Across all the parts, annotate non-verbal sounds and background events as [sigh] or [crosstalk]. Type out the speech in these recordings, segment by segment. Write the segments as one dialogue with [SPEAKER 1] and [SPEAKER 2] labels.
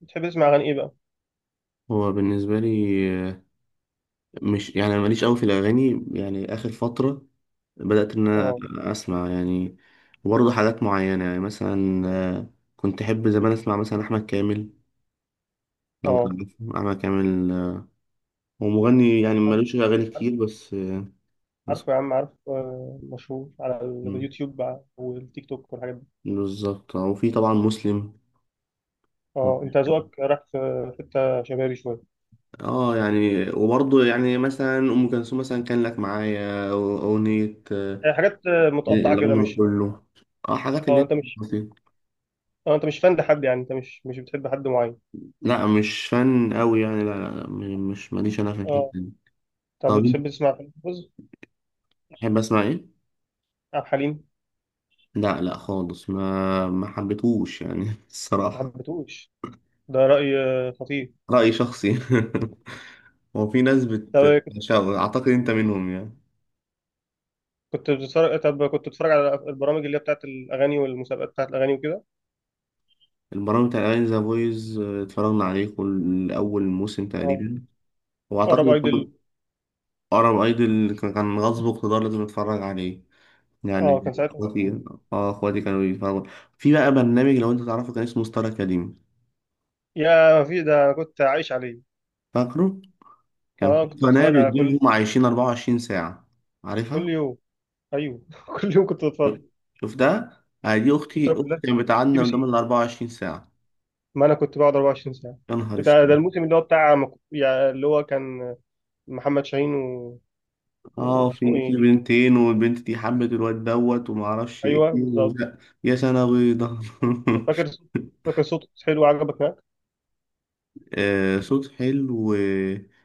[SPEAKER 1] بتحب تسمع اغاني ايه بقى؟
[SPEAKER 2] هو بالنسبة لي، آه، مش يعني أنا ماليش أوي في الأغاني. يعني آخر فترة بدأت إن
[SPEAKER 1] اه.
[SPEAKER 2] أنا أسمع، يعني برضه حاجات معينة. يعني مثلا كنت أحب زمان أسمع مثلا أحمد كامل. لو
[SPEAKER 1] اه.
[SPEAKER 2] تعرف أحمد كامل هو مغني يعني
[SPEAKER 1] عارف.
[SPEAKER 2] مالوش أغاني
[SPEAKER 1] عارف.
[SPEAKER 2] كتير، بس
[SPEAKER 1] عارف يا عم، عارف. مشهور على
[SPEAKER 2] مم،
[SPEAKER 1] اليوتيوب بقى والتيك توك والحاجات دي.
[SPEAKER 2] بالظبط. وفي طبعا مسلم.
[SPEAKER 1] اه، انت ذوقك راح في حته شبابي شويه،
[SPEAKER 2] اه يعني وبرضه يعني مثلا أم كلثوم مثلا كان لك معايا أغنية
[SPEAKER 1] حاجات متقطعه كده،
[SPEAKER 2] العمر
[SPEAKER 1] مش...
[SPEAKER 2] كله. اه حاجات اللي
[SPEAKER 1] اه
[SPEAKER 2] هي
[SPEAKER 1] انت مش...
[SPEAKER 2] بسيطة.
[SPEAKER 1] اه انت مش فان لحد، يعني انت مش بتحب حد معين.
[SPEAKER 2] لا مش فن قوي يعني، لا لا لا، مش، ماليش انا في الحته
[SPEAKER 1] اه.
[SPEAKER 2] دي.
[SPEAKER 1] طب
[SPEAKER 2] طب انت
[SPEAKER 1] بتحب تسمع فيلم بوز؟
[SPEAKER 2] بتحب اسمع ايه؟
[SPEAKER 1] عبد الحليم.
[SPEAKER 2] لا لا خالص، ما حبيتهوش يعني [laughs]
[SPEAKER 1] ما
[SPEAKER 2] الصراحه.
[SPEAKER 1] حبيتهوش؟ ده رأي خطير.
[SPEAKER 2] راي شخصي. [laughs] هو في ناس
[SPEAKER 1] طب.
[SPEAKER 2] اعتقد انت منهم يعني.
[SPEAKER 1] كنت بتتفرج، طب كنت بتتفرج على البرامج اللي هي بتاعت الاغاني والمسابقات بتاعت الاغاني وكده.
[SPEAKER 2] البرامج بتاع الاغاني ذا فويز اتفرجنا عليه كل اول موسم
[SPEAKER 1] اه.
[SPEAKER 2] تقريبا،
[SPEAKER 1] قرب
[SPEAKER 2] واعتقد
[SPEAKER 1] ايدل.
[SPEAKER 2] كان ارب ايدل كان غصب اقتدار لازم اتفرج عليه،
[SPEAKER 1] اه،
[SPEAKER 2] يعني
[SPEAKER 1] كان ساعتها.
[SPEAKER 2] اخواتي. اه اخواتي كانوا بيتفرجوا. في بقى برنامج لو انت تعرفه كان اسمه ستار اكاديمي.
[SPEAKER 1] يا ما في ده، انا كنت عايش عليه.
[SPEAKER 2] فاكره؟ كان
[SPEAKER 1] اه،
[SPEAKER 2] في
[SPEAKER 1] كنت
[SPEAKER 2] قناة
[SPEAKER 1] بتفرج على كل...
[SPEAKER 2] بتجيبهم عايشين 24 ساعة.
[SPEAKER 1] كل
[SPEAKER 2] عارفها؟
[SPEAKER 1] يوم. ايوه [laughs] كل يوم كنت
[SPEAKER 2] شوف،
[SPEAKER 1] بتفرج.
[SPEAKER 2] شوف ده، دي أختي.
[SPEAKER 1] شفتها
[SPEAKER 2] أختي
[SPEAKER 1] كلها.
[SPEAKER 2] كانت
[SPEAKER 1] سي
[SPEAKER 2] بتعاني
[SPEAKER 1] بي
[SPEAKER 2] قدام
[SPEAKER 1] سي.
[SPEAKER 2] ال 24 ساعة.
[SPEAKER 1] ما انا كنت بقعد 24 ساعه.
[SPEAKER 2] يا نهار
[SPEAKER 1] ده
[SPEAKER 2] اسود.
[SPEAKER 1] الموسم اللي هو بتاع يعني اللي هو كان محمد شاهين و...
[SPEAKER 2] اه
[SPEAKER 1] واسمه
[SPEAKER 2] في
[SPEAKER 1] ايه؟
[SPEAKER 2] بنتين، والبنت دي حبت الواد دوت وما اعرفش ايه
[SPEAKER 1] ايوه بالظبط.
[SPEAKER 2] وزق. يا سنة بيضة.
[SPEAKER 1] فاكر صوت- فاكر صوت حلو عجبك هناك.
[SPEAKER 2] [laughs] آه، صوت حلو.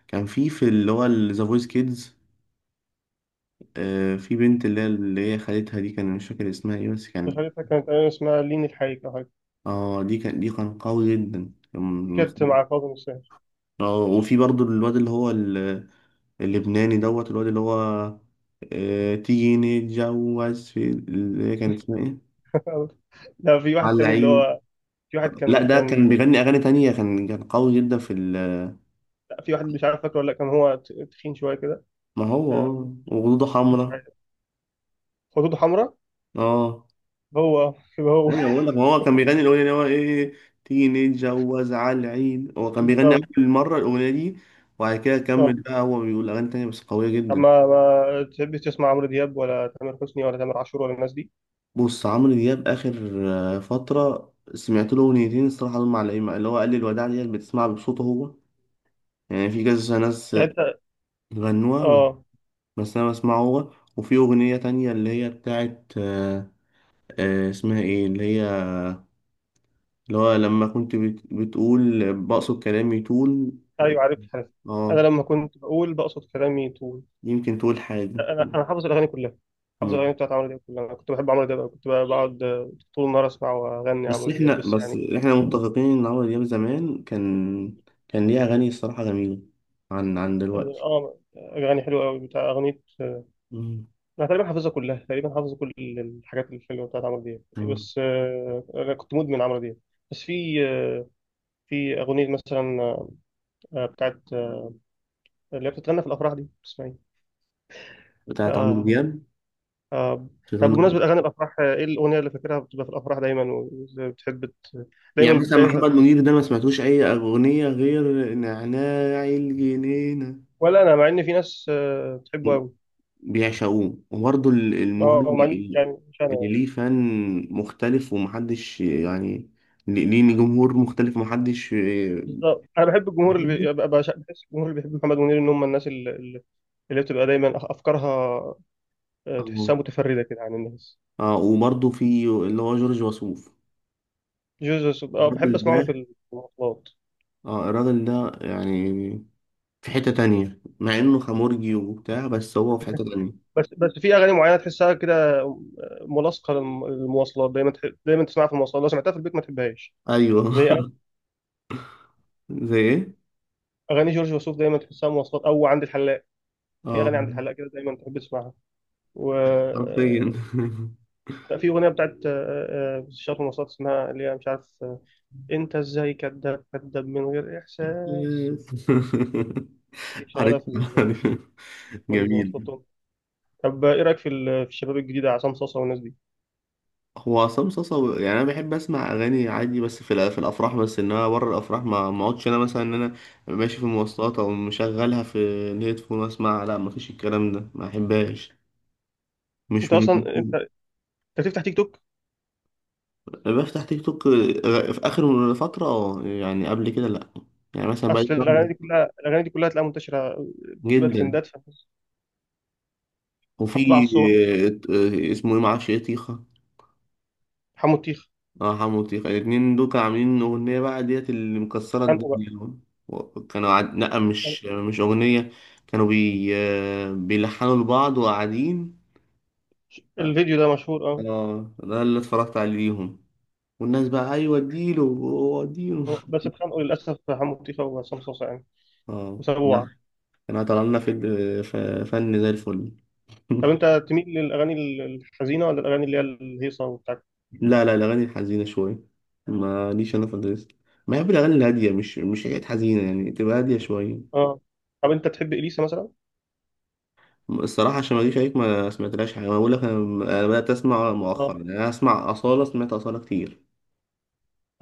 [SPEAKER 2] كان في اللي هو ذا فويس كيدز. آه في بنت اللي هي خالتها دي، كان مش فاكر اسمها ايه بس كانت.
[SPEAKER 1] شخصيتها كانت، أيوة اسمها لين الحقيقة او حاجه.
[SPEAKER 2] اه دي كان قوي جدا
[SPEAKER 1] دي كانت مع فاطمه الشاهين.
[SPEAKER 2] اه وفي برضو الواد اللبناني دوت. الواد اللي هو تيجي نتجوز، في اللي هي كانت اسمها ايه؟
[SPEAKER 1] لا [laughs] في واحد
[SPEAKER 2] على
[SPEAKER 1] تاني اللي
[SPEAKER 2] العيد.
[SPEAKER 1] هو... في واحد
[SPEAKER 2] لا
[SPEAKER 1] كان
[SPEAKER 2] ده
[SPEAKER 1] كان
[SPEAKER 2] كان بيغني اغاني تانية، كان قوي جدا في ال...
[SPEAKER 1] في واحد مش عارف فاكره ولا لأ، كان هو تخين شويه كده،
[SPEAKER 2] ما هو
[SPEAKER 1] آه،
[SPEAKER 2] اه وخدوده
[SPEAKER 1] مش
[SPEAKER 2] حمرا.
[SPEAKER 1] عارف. خدوده حمراء.
[SPEAKER 2] اه
[SPEAKER 1] هو. هو.
[SPEAKER 2] ايوه بقول لك، ما هو كان بيغني الاغنيه اللي هو ايه، تيجي نتجوز على العيد، هو كان بيغني
[SPEAKER 1] بالظبط.
[SPEAKER 2] اول مره الاغنيه دي. وبعد كده
[SPEAKER 1] اه.
[SPEAKER 2] كمل بقى هو بيقول اغاني تانية بس قويه
[SPEAKER 1] طب
[SPEAKER 2] جدا.
[SPEAKER 1] ما تحبش تسمع عمرو دياب ولا تامر حسني ولا تامر عاشور ولا الناس دي؟
[SPEAKER 2] بص، عمرو دياب اخر فتره سمعت له اغنيتين الصراحه دول معلقين معايا، اللي هو قال لي الوداع ديت بتسمعها بصوته هو يعني في كذا ناس
[SPEAKER 1] يعني انت...
[SPEAKER 2] غنوها،
[SPEAKER 1] اه.
[SPEAKER 2] بس أنا بسمعه هو. وفي أغنية تانية اللي هي بتاعت اسمها إيه، اللي هي اللي هو لما كنت بتقول بقصد كلامي طول.
[SPEAKER 1] ايوه عارف، عارف. انا
[SPEAKER 2] اه
[SPEAKER 1] لما كنت بقول بقصد كلامي طول.
[SPEAKER 2] يمكن تقول حاجة.
[SPEAKER 1] انا حافظ الاغاني كلها. حافظ
[SPEAKER 2] مم.
[SPEAKER 1] الاغاني بتاعت عمرو دياب كلها. انا كنت بحب عمرو دياب أوي. كنت بقى بقعد طول النهار اسمع واغني
[SPEAKER 2] بس
[SPEAKER 1] عمرو
[SPEAKER 2] إحنا
[SPEAKER 1] دياب، بس
[SPEAKER 2] بس
[SPEAKER 1] يعني...
[SPEAKER 2] إحنا متفقين إن عمرو دياب زمان كان، كان ليه أغاني الصراحة جميلة عن دلوقتي.
[SPEAKER 1] اه، اغاني حلوه قوي بتاع اغنيه.
[SPEAKER 2] مم.
[SPEAKER 1] انا تقريبا حافظها كلها، تقريبا حافظ كل الحاجات الحلوه بتاعت عمرو دياب.
[SPEAKER 2] مم.
[SPEAKER 1] بس انا كنت مدمن عمرو دياب. بس في في اغنيه مثلا بتاعت اللي هي بتتغنى في الافراح دي، اسمها ايه؟
[SPEAKER 2] بتاعت عمرو
[SPEAKER 1] آه.
[SPEAKER 2] دياب،
[SPEAKER 1] آه. طب
[SPEAKER 2] شيطان.
[SPEAKER 1] بمناسبه اغاني الافراح، ايه الاغنيه اللي فاكرها بتبقى في الافراح دايما؟ وبتحب ت- دايما
[SPEAKER 2] يعني مثلا
[SPEAKER 1] بتلاقيها.
[SPEAKER 2] محمد منير ده ما سمعتوش أي أغنية غير نعناع الجنينة.
[SPEAKER 1] ولا انا، مع ان في ناس بتحبه قوي.
[SPEAKER 2] بيعشقوه. وبرضه المغني
[SPEAKER 1] اه، مع ان
[SPEAKER 2] اللي،
[SPEAKER 1] يعني، مش انا
[SPEAKER 2] اللي
[SPEAKER 1] يعني.
[SPEAKER 2] ليه فان مختلف، ومحدش يعني، ليه جمهور مختلف ومحدش
[SPEAKER 1] بالظبط، انا بحب الجمهور، اللي
[SPEAKER 2] بيحبه.
[SPEAKER 1] بحس الجمهور اللي بيحب محمد منير ان هم الناس اللي... اللي بتبقى دايما افكارها
[SPEAKER 2] اه
[SPEAKER 1] تحسها متفرده كده عن الناس.
[SPEAKER 2] اه. وبرضه في اللي هو جورج وسوف،
[SPEAKER 1] جوزوس، اه بحب
[SPEAKER 2] الراجل
[SPEAKER 1] اسمعه
[SPEAKER 2] ده.
[SPEAKER 1] في المواصلات.
[SPEAKER 2] اه الراجل ده يعني في حتة تانية، مع انه خمرجي وبتاع، بس هو في حتة تانية.
[SPEAKER 1] بس في اغاني معينه تحسها كده، ملاصقه للمواصلات، دايما دايما تسمعها في المواصلات، لو سمعتها في البيت ما تحبهاش.
[SPEAKER 2] ايوه.
[SPEAKER 1] زي اغاني...
[SPEAKER 2] [laughs] زي ايه؟
[SPEAKER 1] أغاني جورج وسوف دايما تحسها مواصلات او عند الحلاق. في
[SPEAKER 2] اه
[SPEAKER 1] اغاني عند الحلاق كده دايما تحب تسمعها. و...
[SPEAKER 2] حرفيا. [laughs]
[SPEAKER 1] لا، في اغنيه بتاعت شاطر مواصلات، اسمها اللي هي مش عارف انت ازاي كداب كداب من غير احساس.
[SPEAKER 2] [laughs]
[SPEAKER 1] دي
[SPEAKER 2] عارف،
[SPEAKER 1] شغاله في
[SPEAKER 2] عارف.
[SPEAKER 1] في المواصلات
[SPEAKER 2] جميل.
[SPEAKER 1] طول. طب ايه رايك في في الشباب الجديده، عصام صاصا والناس دي؟
[SPEAKER 2] هو عصام صاصا يعني انا بحب اسمع اغاني عادي بس في في الافراح بس، انما بره الافراح ما اقعدش، انا مثلا ان انا ماشي في المواصلات او مشغلها في الهيدفون واسمع، لا ما فيش الكلام ده، ما احبهاش. مش
[SPEAKER 1] انت
[SPEAKER 2] من...
[SPEAKER 1] اصلا انت بتفتح تيك توك؟
[SPEAKER 2] أنا بفتح تيك توك في اخر فتره، اه يعني قبل كده لا، يعني مثلا بقالي
[SPEAKER 1] اصل
[SPEAKER 2] شهر.
[SPEAKER 1] الاغاني دي كلها، الاغاني دي كلها تلاقيها منتشره، بتبقى
[SPEAKER 2] جدا.
[SPEAKER 1] ترندات فتتحط بقى على
[SPEAKER 2] وفي
[SPEAKER 1] الصور.
[SPEAKER 2] آه، اسمه ايه معرفش ايه، طيخه.
[SPEAKER 1] حمو الطيخه.
[SPEAKER 2] اه حمو وطيخة الاتنين دول كانوا عاملين أغنية بقى ديت اللي مكسرة
[SPEAKER 1] خانقوا بقى.
[SPEAKER 2] الدنيا. كانوا لأ مش أغنية، كانوا بي... آه، بيلحنوا لبعض وقاعدين.
[SPEAKER 1] الفيديو ده مشهور، اه.
[SPEAKER 2] اه ده اللي اتفرجت عليهم، والناس بقى أيوة اديله، هو اديله.
[SPEAKER 1] بس اتخانقوا للاسف، حمو الطيخه وعصام صوصه يعني،
[SPEAKER 2] اه
[SPEAKER 1] وسابوه
[SPEAKER 2] لا.
[SPEAKER 1] بعض.
[SPEAKER 2] كانوا طلع لنا في... ف- فن زي الفل.
[SPEAKER 1] طب
[SPEAKER 2] [laughs]
[SPEAKER 1] انت تميل للاغاني الحزينه ولا الاغاني اللي هي الهيصه وبتاع؟
[SPEAKER 2] لا لا، الأغاني الحزينة شوية، ماليش أنا في الريس. بحب الأغاني الهادية، مش حاجات حزينة يعني، تبقى هادية شوية.
[SPEAKER 1] اه. طب انت تحب اليسا مثلا؟
[SPEAKER 2] الصراحة عشان ما اجيش عليك، ما سمعتلاش حاجة، انا بقول لك انا، أنا بدأت اسمع
[SPEAKER 1] اه.
[SPEAKER 2] مؤخرا. يعني انا اسمع أصالة، سمعت أصالة كتير.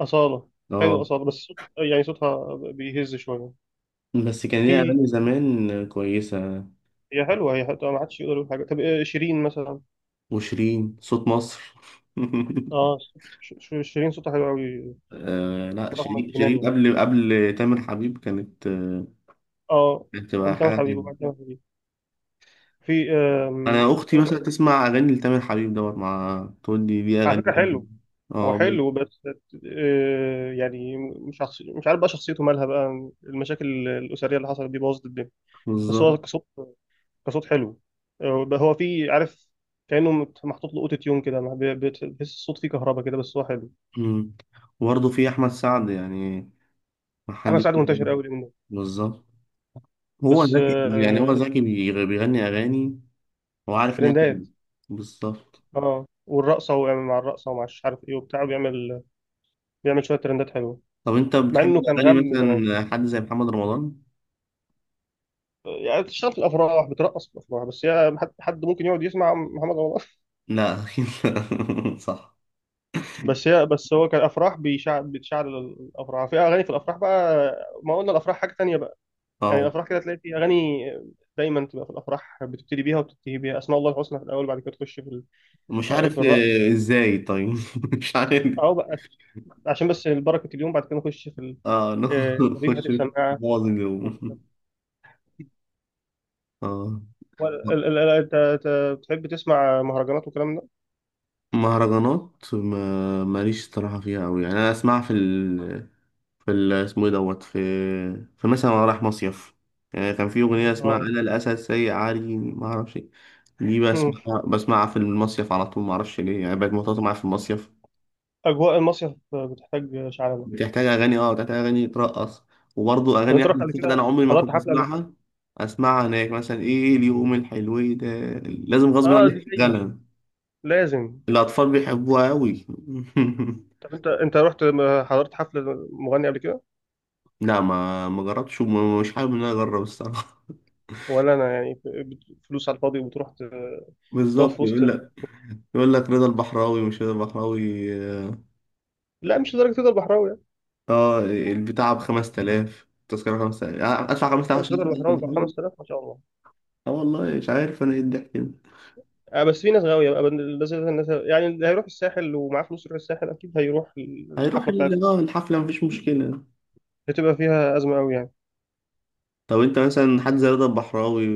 [SPEAKER 1] اصاله. حلو
[SPEAKER 2] اه
[SPEAKER 1] اصاله، بس صوت... يعني صوتها بيهز شويه.
[SPEAKER 2] بس كان ليها
[SPEAKER 1] في...
[SPEAKER 2] اغاني زمان كويسة.
[SPEAKER 1] هي حلوه، هي حلوة، ما حدش يقدر يقول حاجه. طب شيرين مثلا؟
[SPEAKER 2] وشيرين صوت مصر. [laughs]
[SPEAKER 1] اه. شيرين صوتها حلو قوي.
[SPEAKER 2] آه لا،
[SPEAKER 1] برغم
[SPEAKER 2] شيرين
[SPEAKER 1] الجنان
[SPEAKER 2] شيرين
[SPEAKER 1] يعني.
[SPEAKER 2] قبل تامر حبيب كانت
[SPEAKER 1] اه.
[SPEAKER 2] كانت بتبقى
[SPEAKER 1] قبل سامر
[SPEAKER 2] حاجة
[SPEAKER 1] حبيب وبعد
[SPEAKER 2] تانية.
[SPEAKER 1] سامر حبيب. في
[SPEAKER 2] انا اختي مثلا تسمع اغاني لتامر حبيب دوت مع تقول لي دي
[SPEAKER 1] على
[SPEAKER 2] اغاني
[SPEAKER 1] فكرة
[SPEAKER 2] جامدة.
[SPEAKER 1] حلو. هو
[SPEAKER 2] اه
[SPEAKER 1] حلو بس يعني مش مش عارف بقى شخصيته مالها بقى، المشاكل الأسرية اللي حصلت دي بوظت الدنيا. بس هو
[SPEAKER 2] بالظبط.
[SPEAKER 1] كصوت، كصوت حلو. بقى هو في، عارف، كأنه محطوط له اوتو تيون كده، ما بي- بتحس الصوت فيه كهرباء كده، بس هو حلو.
[SPEAKER 2] مم. وبرضه في احمد سعد يعني، ما
[SPEAKER 1] انا
[SPEAKER 2] حد...
[SPEAKER 1] ساعات منتشر قوي اليومين دول.
[SPEAKER 2] بالظبط، هو
[SPEAKER 1] بس
[SPEAKER 2] ذكي، يعني هو ذكي بيغني أغاني، هو عارف إن هي
[SPEAKER 1] ترندات.
[SPEAKER 2] تيجي. بالظبط.
[SPEAKER 1] اه، والرقصة ويعمل مع الرقصة ومع مش عارف ايه وبتاع، بيعمل شوية ترندات حلوة.
[SPEAKER 2] طب أنت
[SPEAKER 1] مع انه
[SPEAKER 2] بتحب
[SPEAKER 1] كان
[SPEAKER 2] أغاني
[SPEAKER 1] غم،
[SPEAKER 2] مثلا حد زي محمد رمضان؟
[SPEAKER 1] يعني بتشتغل في الافراح بترقص في الافراح، بس هي حد ممكن يقعد يسمع محمد رمضان؟ [laughs]
[SPEAKER 2] لا أكيد لا. [laughs] صح.
[SPEAKER 1] بس هي، بس هو كان افراح بيشعل، بتشعل الافراح، في اغاني في الافراح بقى، ما قلنا الافراح حاجه تانية بقى. يعني
[SPEAKER 2] أه
[SPEAKER 1] الافراح كده تلاقي في اغاني دايما تبقى في الافراح، بتبتدي بيها وتنتهي بيها، اسماء الله الحسنى في الاول، بعد كده تخش في
[SPEAKER 2] مش
[SPEAKER 1] في
[SPEAKER 2] عارف
[SPEAKER 1] الرقص،
[SPEAKER 2] إزاي طيب. [laughs] مش عارف.
[SPEAKER 1] او بقى عشان بس بركه اليوم، بعد كده نخش في
[SPEAKER 2] أه
[SPEAKER 1] طبيب هات
[SPEAKER 2] نخش.
[SPEAKER 1] السماعه
[SPEAKER 2] بوظ
[SPEAKER 1] وكده.
[SPEAKER 2] اليوم. [laughs] أه.
[SPEAKER 1] هو ال- ال- ال- انت أنت بتحب تسمع مهرجانات والكلام ده؟
[SPEAKER 2] مهرجانات ما ماليش صراحة فيها أوي يعني، أنا أسمعها في اسمه ايه دوت، في مثلا وأنا رايح مصيف. يعني كان في أغنية اسمها
[SPEAKER 1] اه
[SPEAKER 2] أنا الأسد سيء عاري ما أعرفش إيه. دي
[SPEAKER 1] [laughs] أمم.
[SPEAKER 2] بسمعها في المصيف على طول، ما أعرفش ليه، يعني بقت مرتبطة معايا في المصيف.
[SPEAKER 1] اجواء المصيف بتحتاج شعلبه.
[SPEAKER 2] بتحتاج أغاني، أه بتحتاج أغاني ترقص. وبرضه
[SPEAKER 1] طب
[SPEAKER 2] أغاني
[SPEAKER 1] انت رحت
[SPEAKER 2] أحمد
[SPEAKER 1] قبل
[SPEAKER 2] سعد أنا
[SPEAKER 1] كده،
[SPEAKER 2] عمري ما
[SPEAKER 1] حضرت
[SPEAKER 2] كنت
[SPEAKER 1] حفله قبل كده؟
[SPEAKER 2] بسمعها، أسمعها هناك. مثلا إيه اليوم الحلو ده، لازم غصب
[SPEAKER 1] اه
[SPEAKER 2] عنك
[SPEAKER 1] دي دايما
[SPEAKER 2] تشغلها.
[SPEAKER 1] لازم.
[SPEAKER 2] الأطفال بيحبوها أوي.
[SPEAKER 1] طب انت حضرت حفله مغني قبل كده؟
[SPEAKER 2] [laughs] لا ما جربتش، ومش حابب إن أنا أجرب الصراحة. [laughs]
[SPEAKER 1] ولا انا يعني، فلوس على الفاضي وبتروح تقف
[SPEAKER 2] بالظبط،
[SPEAKER 1] في وسط؟
[SPEAKER 2] يقول لك، رضا البحراوي مش رضا البحراوي. اه
[SPEAKER 1] لا، مش لدرجه تقدر بحراوي يعني.
[SPEAKER 2] البتاع ب 5000، التذكرة 5000، ادفع 5000
[SPEAKER 1] درجة
[SPEAKER 2] عشان أشوف
[SPEAKER 1] تقدر
[SPEAKER 2] رضا
[SPEAKER 1] بحراوي بقى
[SPEAKER 2] البحراوي.
[SPEAKER 1] 5000؟ ما شاء الله.
[SPEAKER 2] اه والله مش عارف انا ايه الضحك ده.
[SPEAKER 1] آه، بس في ناس غاويه بقى، لازم الناس يعني اللي هيروح الساحل ومعاه فلوس يروح الساحل، اكيد هيروح
[SPEAKER 2] هيروح
[SPEAKER 1] الحفله بتاعته،
[SPEAKER 2] الحفلة، مفيش مشكلة.
[SPEAKER 1] هتبقى فيها ازمه قوي يعني.
[SPEAKER 2] طب انت مثلا حد زي رضا البحراوي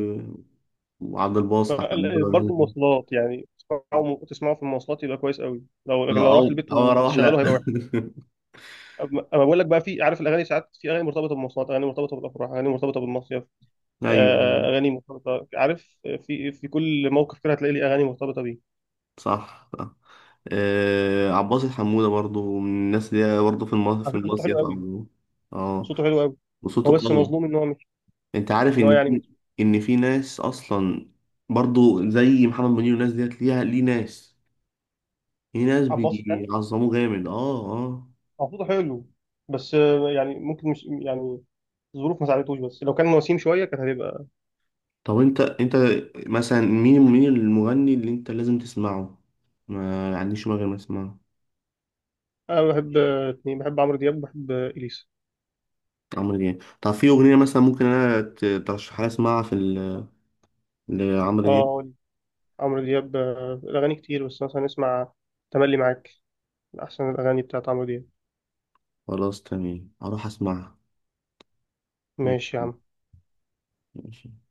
[SPEAKER 2] وعبد الباسط أحمد عزوز.
[SPEAKER 1] برضه مواصلات يعني، تسمعوا في المواصلات يبقى كويس قوي، لو لكن لو
[SPEAKER 2] آه، او
[SPEAKER 1] رحت البيت
[SPEAKER 2] او اروح، لا.
[SPEAKER 1] وشغله هيبقى...
[SPEAKER 2] [laughs]
[SPEAKER 1] اما، أما بقول لك بقى، في، عارف، الاغاني ساعات، في اغاني مرتبطه بالمواصلات، اغاني مرتبطه بالافراح، اغاني مرتبطه بالمصيف،
[SPEAKER 2] ايوه
[SPEAKER 1] اغاني مرتبطه، عارف، في كل موقف كده هتلاقي لي اغاني مرتبطه بيه.
[SPEAKER 2] صح صح. آه عباس الحمودة برضو من الناس دي، برضو في المصيف،
[SPEAKER 1] على فكره صوته حلو قوي،
[SPEAKER 2] او... اه
[SPEAKER 1] صوته حلو قوي. هو
[SPEAKER 2] وصوته
[SPEAKER 1] بس
[SPEAKER 2] قوي.
[SPEAKER 1] مظلوم ان هو مش،
[SPEAKER 2] انت عارف
[SPEAKER 1] ان هو
[SPEAKER 2] ان
[SPEAKER 1] يعني
[SPEAKER 2] في،
[SPEAKER 1] مش...
[SPEAKER 2] ناس اصلا برضو زي محمد منير والناس ديت ليها، ليه ناس
[SPEAKER 1] عباس يعني،
[SPEAKER 2] بيعظموه جامد. اه اه.
[SPEAKER 1] هو صوته حلو، بس يعني ممكن مش يعني، الظروف ما ساعدتوش، بس لو كان وسيم شويه كانت هتبقى.
[SPEAKER 2] طب انت مثلا مين المغني اللي انت لازم تسمعه، ما عنديش مانع غير ما اسمعه.
[SPEAKER 1] انا بحب اتنين، بحب عمرو دياب وبحب اليسا.
[SPEAKER 2] عمرو دياب. طب في اغنيه مثلا ممكن انا ترشحها لي اسمعها في لعمرو
[SPEAKER 1] اه
[SPEAKER 2] دياب.
[SPEAKER 1] أقول، عمرو دياب الاغاني كتير، بس مثلا نسمع تملي معاك، من احسن الاغاني بتاعت عمرو دياب.
[SPEAKER 2] خلاص تمام، اروح اسمعها.
[SPEAKER 1] ماشي يا عم.
[SPEAKER 2] ماشي.